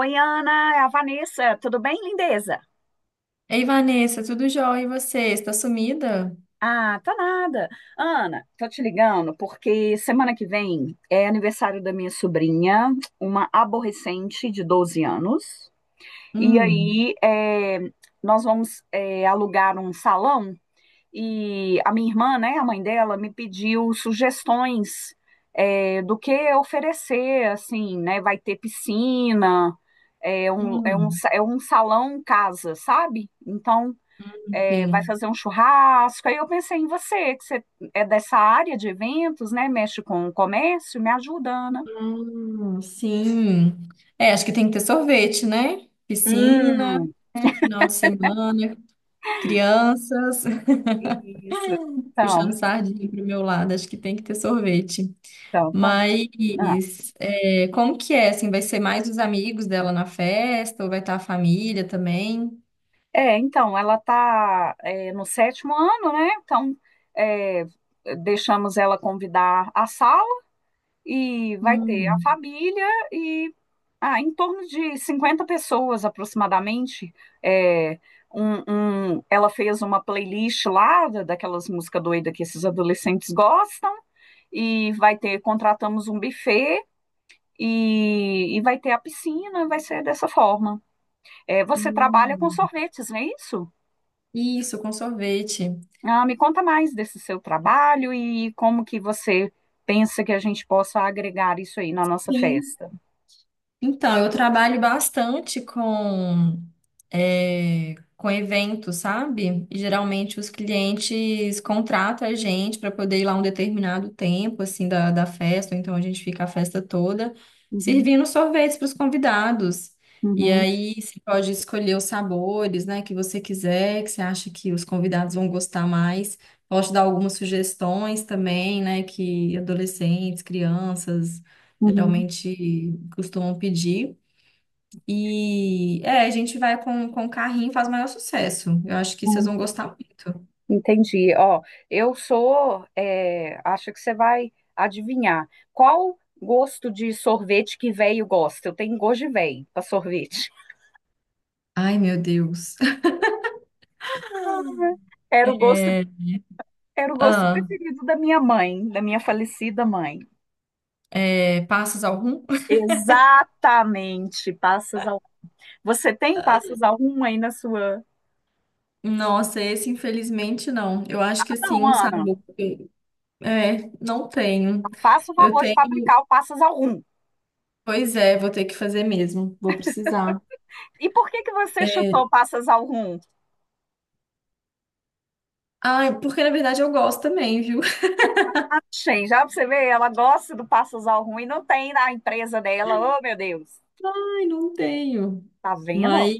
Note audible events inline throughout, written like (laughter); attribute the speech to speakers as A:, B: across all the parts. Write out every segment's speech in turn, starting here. A: Oi, Ana, é a Vanessa. Tudo bem, lindeza?
B: Ei, Vanessa, tudo jóia? E você? Está sumida?
A: Ah, tá nada. Ana, tô te ligando porque semana que vem é aniversário da minha sobrinha, uma aborrecente de 12 anos. E
B: Hum,
A: aí, nós vamos, alugar um salão e a minha irmã, né, a mãe dela, me pediu sugestões, do que oferecer, assim, né? Vai ter piscina,
B: hum,
A: é um salão casa, sabe? Então. Vai
B: sim.
A: fazer um churrasco. Aí eu pensei em você, que você é dessa área de eventos, né? Mexe com o comércio, me ajuda, Ana.
B: Sim. É, acho que tem que ter sorvete, né? Piscina,
A: Hum,
B: né? Final de semana, crianças, (laughs)
A: isso. Então,
B: puxando sardinha pro meu lado, acho que tem que ter sorvete.
A: então, tá. Não.
B: Mas é, como que é? Assim, vai ser mais os amigos dela na festa ou vai estar a família também?
A: É, então, ela está no sétimo ano, né? Então, é, deixamos ela convidar a sala. E vai ter a
B: Hum,
A: família e em torno de 50 pessoas aproximadamente. É, um, Ela fez uma playlist lá daquelas músicas doidas que esses adolescentes gostam e vai ter, contratamos um buffet. E vai ter a piscina, vai ser dessa forma. É, você trabalha com
B: hum.
A: sorvetes, não é isso?
B: Isso, com sorvete.
A: Ah, me conta mais desse seu trabalho e como que você pensa que a gente possa agregar isso aí na nossa
B: Sim.
A: festa.
B: Então, eu trabalho bastante com eventos, sabe? E, geralmente os clientes contratam a gente para poder ir lá um determinado tempo, assim, da festa, ou então a gente fica a festa toda
A: Uhum,
B: servindo sorvetes para os convidados. E
A: uhum.
B: aí você pode escolher os sabores, né, que você quiser, que você acha que os convidados vão gostar mais. Posso dar algumas sugestões também, né, que adolescentes, crianças
A: Uhum,
B: geralmente costumam pedir. E é, a gente vai com o carrinho e faz o maior sucesso. Eu acho que vocês
A: uhum.
B: vão gostar muito.
A: Entendi. Ó, eu sou, acho que você vai adivinhar. Qual gosto de sorvete que véio gosta? Eu tenho gosto de véio para sorvete.
B: Ai, meu Deus.
A: (laughs)
B: (laughs)
A: Era o gosto,
B: É,
A: era o gosto
B: ah,
A: preferido da minha mãe, da minha falecida mãe.
B: é, passas algum?
A: Exatamente, passas ao. Você tem passas ao rum aí na sua?
B: Nossa, esse infelizmente não. Eu
A: Ah,
B: acho que assim,
A: não,
B: um
A: Ana,
B: sabor. É, não tenho.
A: faça o
B: Eu
A: favor de
B: tenho.
A: fabricar o passas ao rum.
B: Pois é, vou ter que fazer mesmo. Vou precisar.
A: E por que que você
B: É...
A: chutou passas ao rum?
B: Ai, porque na verdade eu gosto também, viu?
A: Achei, já pra você ver, ela gosta do Passosal ruim, não tem na empresa dela. Oh, meu Deus,
B: Ai, não tenho.
A: tá vendo?
B: Mas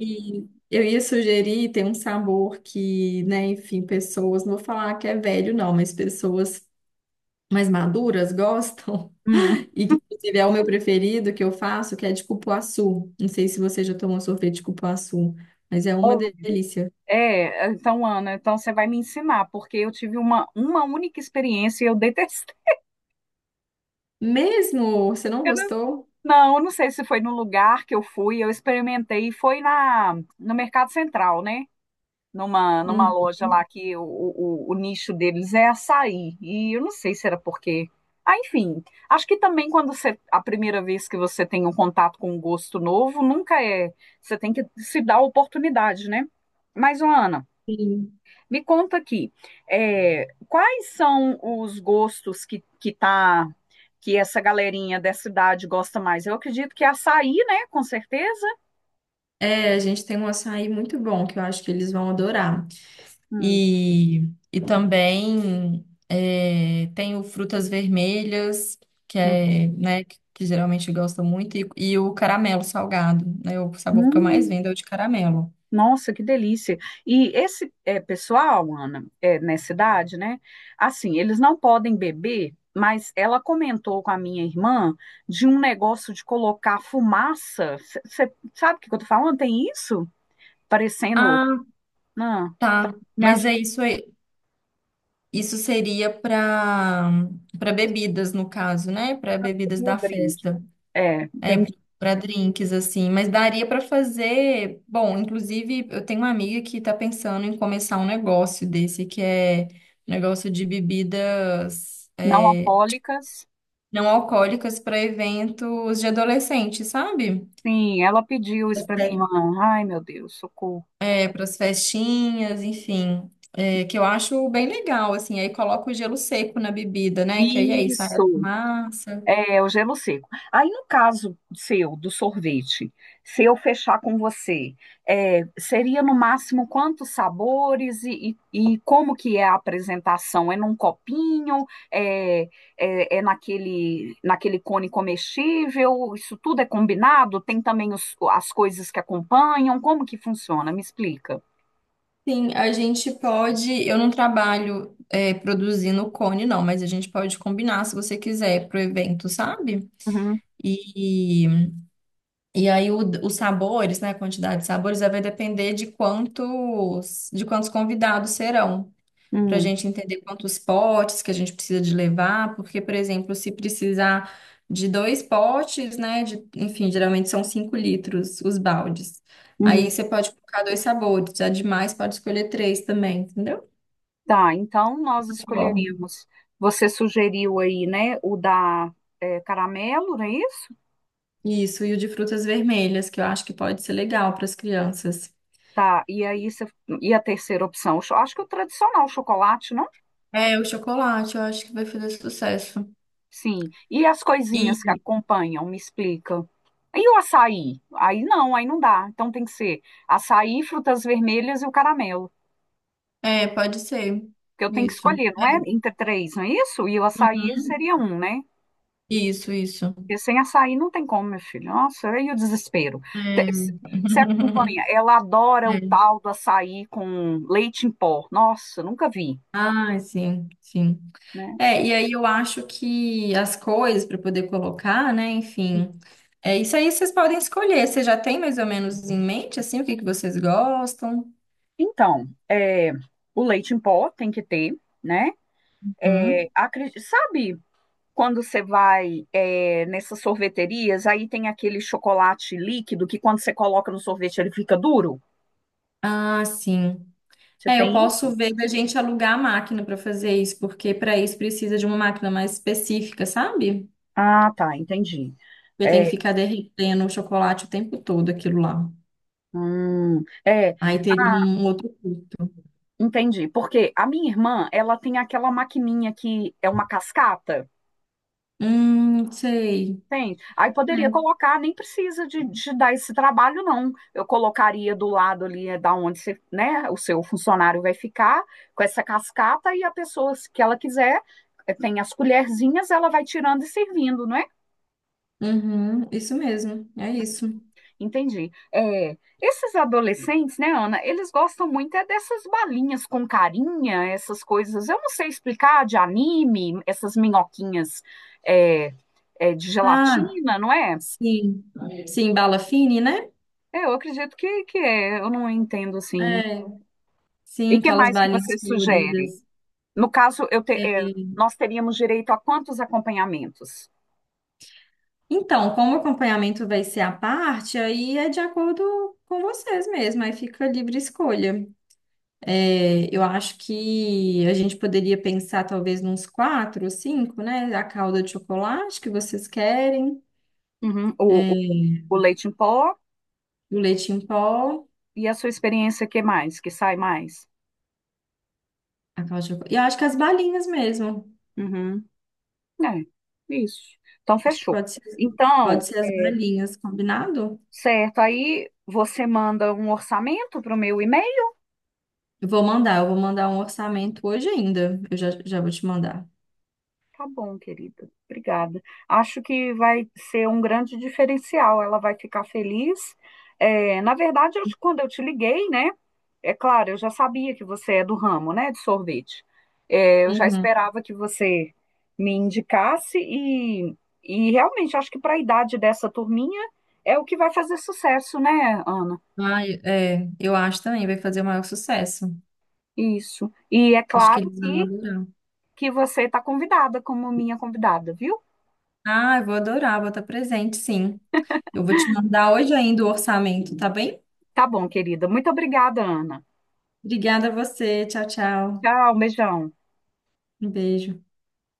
B: eu ia sugerir tem um sabor que, né, enfim, pessoas, não vou falar que é velho, não, mas pessoas mais maduras gostam.
A: Hum.
B: (laughs) E que, inclusive, é o meu preferido que eu faço, que é de cupuaçu. Não sei se você já tomou sorvete de cupuaçu, mas é uma
A: Olha,
B: delícia.
A: Então, Ana, então você vai me ensinar, porque eu tive uma única experiência e eu detestei. (laughs)
B: Mesmo? Você não
A: Eu não,
B: gostou?
A: não, eu não sei se foi no lugar que eu fui, eu experimentei, foi no Mercado Central, né? Numa
B: Uhum.
A: loja lá que o nicho deles é açaí. E eu não sei se era porque. Ah, enfim, acho que também quando você, a primeira vez que você tem um contato com um gosto novo, nunca é. Você tem que se dar a oportunidade, né? Mas, ô, Ana,
B: Sim.
A: me conta aqui, quais são os gostos que tá. Que essa galerinha dessa idade gosta mais. Eu acredito que é açaí, né? Com certeza.
B: É, a gente tem um açaí muito bom que eu acho que eles vão adorar.
A: Hum,
B: E, e também é, tenho frutas vermelhas, que
A: hum,
B: é, né, que geralmente eu gosto muito, e o caramelo salgado, né? O sabor que eu mais
A: hum.
B: vendo é o de caramelo.
A: Nossa, que delícia. E esse é, pessoal, Ana, nessa idade, né? Assim, eles não podem beber, mas ela comentou com a minha irmã de um negócio de colocar fumaça. Você sabe o que que eu tô falando? Tem isso? Parecendo.
B: Ah,
A: Não, tá,
B: tá.
A: me
B: Mas
A: ajuda
B: é isso aí. Isso seria para bebidas, no caso, né? Para bebidas
A: aí o
B: da
A: drink.
B: festa.
A: É,
B: É,
A: entendi.
B: para drinks, assim. Mas daria para fazer. Bom, inclusive, eu tenho uma amiga que tá pensando em começar um negócio desse, que é um negócio de bebidas
A: Não
B: é,
A: alcoólicas.
B: não alcoólicas para eventos de adolescente, sabe?
A: Sim, ela pediu isso
B: Pras
A: para minha
B: fe-
A: irmã. Ai, meu Deus, socorro.
B: É para as festinhas, enfim. É, que eu acho bem legal, assim. Aí coloca o gelo seco na bebida, né? Que aí, aí sai a
A: Isso.
B: fumaça.
A: É, o gelo seco. Aí, no caso seu, do sorvete, se eu fechar com você, seria no máximo quantos sabores e como que é a apresentação? É num copinho? É, é naquele cone comestível? Isso tudo é combinado? Tem também as coisas que acompanham? Como que funciona? Me explica.
B: Sim, a gente pode. Eu não trabalho é, produzindo cone, não, mas a gente pode combinar se você quiser pro evento, sabe?
A: Uhum,
B: E, e aí o- os sabores, né? A quantidade de sabores vai depender de quantos convidados serão, para a
A: uhum,
B: gente entender quantos potes que a gente precisa de levar, porque, por exemplo, se precisar de dois potes, né? De, enfim, geralmente são cinco litros os baldes. Aí
A: uhum.
B: você pode colocar dois sabores, já demais pode escolher três também, entendeu?
A: Tá, então nós
B: Bom.
A: escolheríamos. Você sugeriu aí, né, o da caramelo, não é isso?
B: Isso, e o de frutas vermelhas, que eu acho que pode ser legal para as crianças.
A: Tá, e a terceira opção? Eu acho que o tradicional, o chocolate, não?
B: É, o chocolate, eu acho que vai fazer sucesso.
A: Sim. E as coisinhas que
B: E
A: acompanham, me explica. E o açaí? Aí não dá. Então tem que ser açaí, frutas vermelhas e o caramelo.
B: É, pode ser.
A: Que eu tenho que
B: Isso.
A: escolher, não é? Entre três, não é isso? E o açaí
B: Uhum.
A: seria um, né?
B: Isso, isso.
A: Porque sem açaí não tem como, meu filho. Nossa, e o desespero. Te-
B: É.
A: se- Você acompanha,
B: (laughs)
A: ela adora o
B: É.
A: tal do açaí com leite em pó. Nossa, nunca vi,
B: Ah, sim, sim.
A: né?
B: É, e aí eu acho que as cores para poder colocar, né? Enfim, é isso aí vocês podem escolher. Você já tem mais ou menos em mente assim o que que vocês gostam?
A: Então, o leite em pó tem que ter, né?
B: Uhum.
A: Sabe quando você vai nessas sorveterias, aí tem aquele chocolate líquido que quando você coloca no sorvete ele fica duro?
B: Ah, sim.
A: Você
B: É, eu
A: tem isso?
B: posso ver da gente alugar a máquina para fazer isso, porque para isso precisa de uma máquina mais específica, sabe?
A: Ah, tá, entendi.
B: Porque tem que
A: É,
B: ficar derretendo o chocolate o tempo todo, aquilo lá.
A: é.
B: Aí teria
A: Ah,
B: um outro custo.
A: entendi, porque a minha irmã, ela tem aquela maquininha que é uma cascata,
B: Sei.
A: tem? Aí poderia
B: É.
A: colocar, nem precisa de dar esse trabalho, não. Eu colocaria do lado ali, é da onde você, né, o seu funcionário vai ficar, com essa cascata, e a pessoa, se que ela quiser, tem as colherzinhas, ela vai tirando e servindo, não é?
B: Uhum, isso mesmo, é isso.
A: Entendi. Esses adolescentes, né, Ana, eles gostam muito é dessas balinhas com carinha, essas coisas, eu não sei explicar, de anime, essas minhoquinhas é, de
B: Ah,
A: gelatina, não é?
B: sim. Sim, bala fine, né?
A: Eu acredito que eu não entendo assim.
B: É,
A: E
B: sim,
A: que
B: aquelas
A: mais que você
B: balinhas
A: sugere?
B: coloridas.
A: No caso,
B: É.
A: nós teríamos direito a quantos acompanhamentos?
B: Então, como o acompanhamento vai ser à parte, aí é de acordo com vocês mesmo, aí fica livre escolha. É, eu acho que a gente poderia pensar talvez nos quatro ou cinco, né? A calda de chocolate que vocês querem,
A: Uhum, o leite em pó
B: o leite em pó,
A: e a sua experiência, que mais? Que sai mais?
B: a calda de chocolate. E eu acho que as balinhas mesmo.
A: Uhum. É, isso. Então,
B: Acho que
A: fechou. Então,
B: pode ser as balinhas, combinado?
A: certo. Aí você manda um orçamento para o meu e-mail?
B: Eu vou mandar um orçamento hoje ainda. Eu já, já vou te mandar.
A: Tá bom, querida. Obrigada. Acho que vai ser um grande diferencial. Ela vai ficar feliz. É, na verdade, quando eu te liguei, né? É claro, eu já sabia que você é do ramo, né, de sorvete. É, eu já
B: Uhum.
A: esperava que você me indicasse e realmente acho que para a idade dessa turminha é o que vai fazer sucesso, né, Ana?
B: Ai, é, eu acho também, vai fazer o maior sucesso.
A: Isso. E é
B: Acho que
A: claro
B: eles vão
A: que,
B: adorar.
A: que você está convidada como minha convidada, viu?
B: Ah, eu vou adorar, vou estar presente, sim. Eu vou te mandar hoje ainda o orçamento, tá bem?
A: Tá bom, querida. Muito obrigada, Ana.
B: Obrigada a você. Tchau, tchau.
A: Tchau, beijão.
B: Um beijo.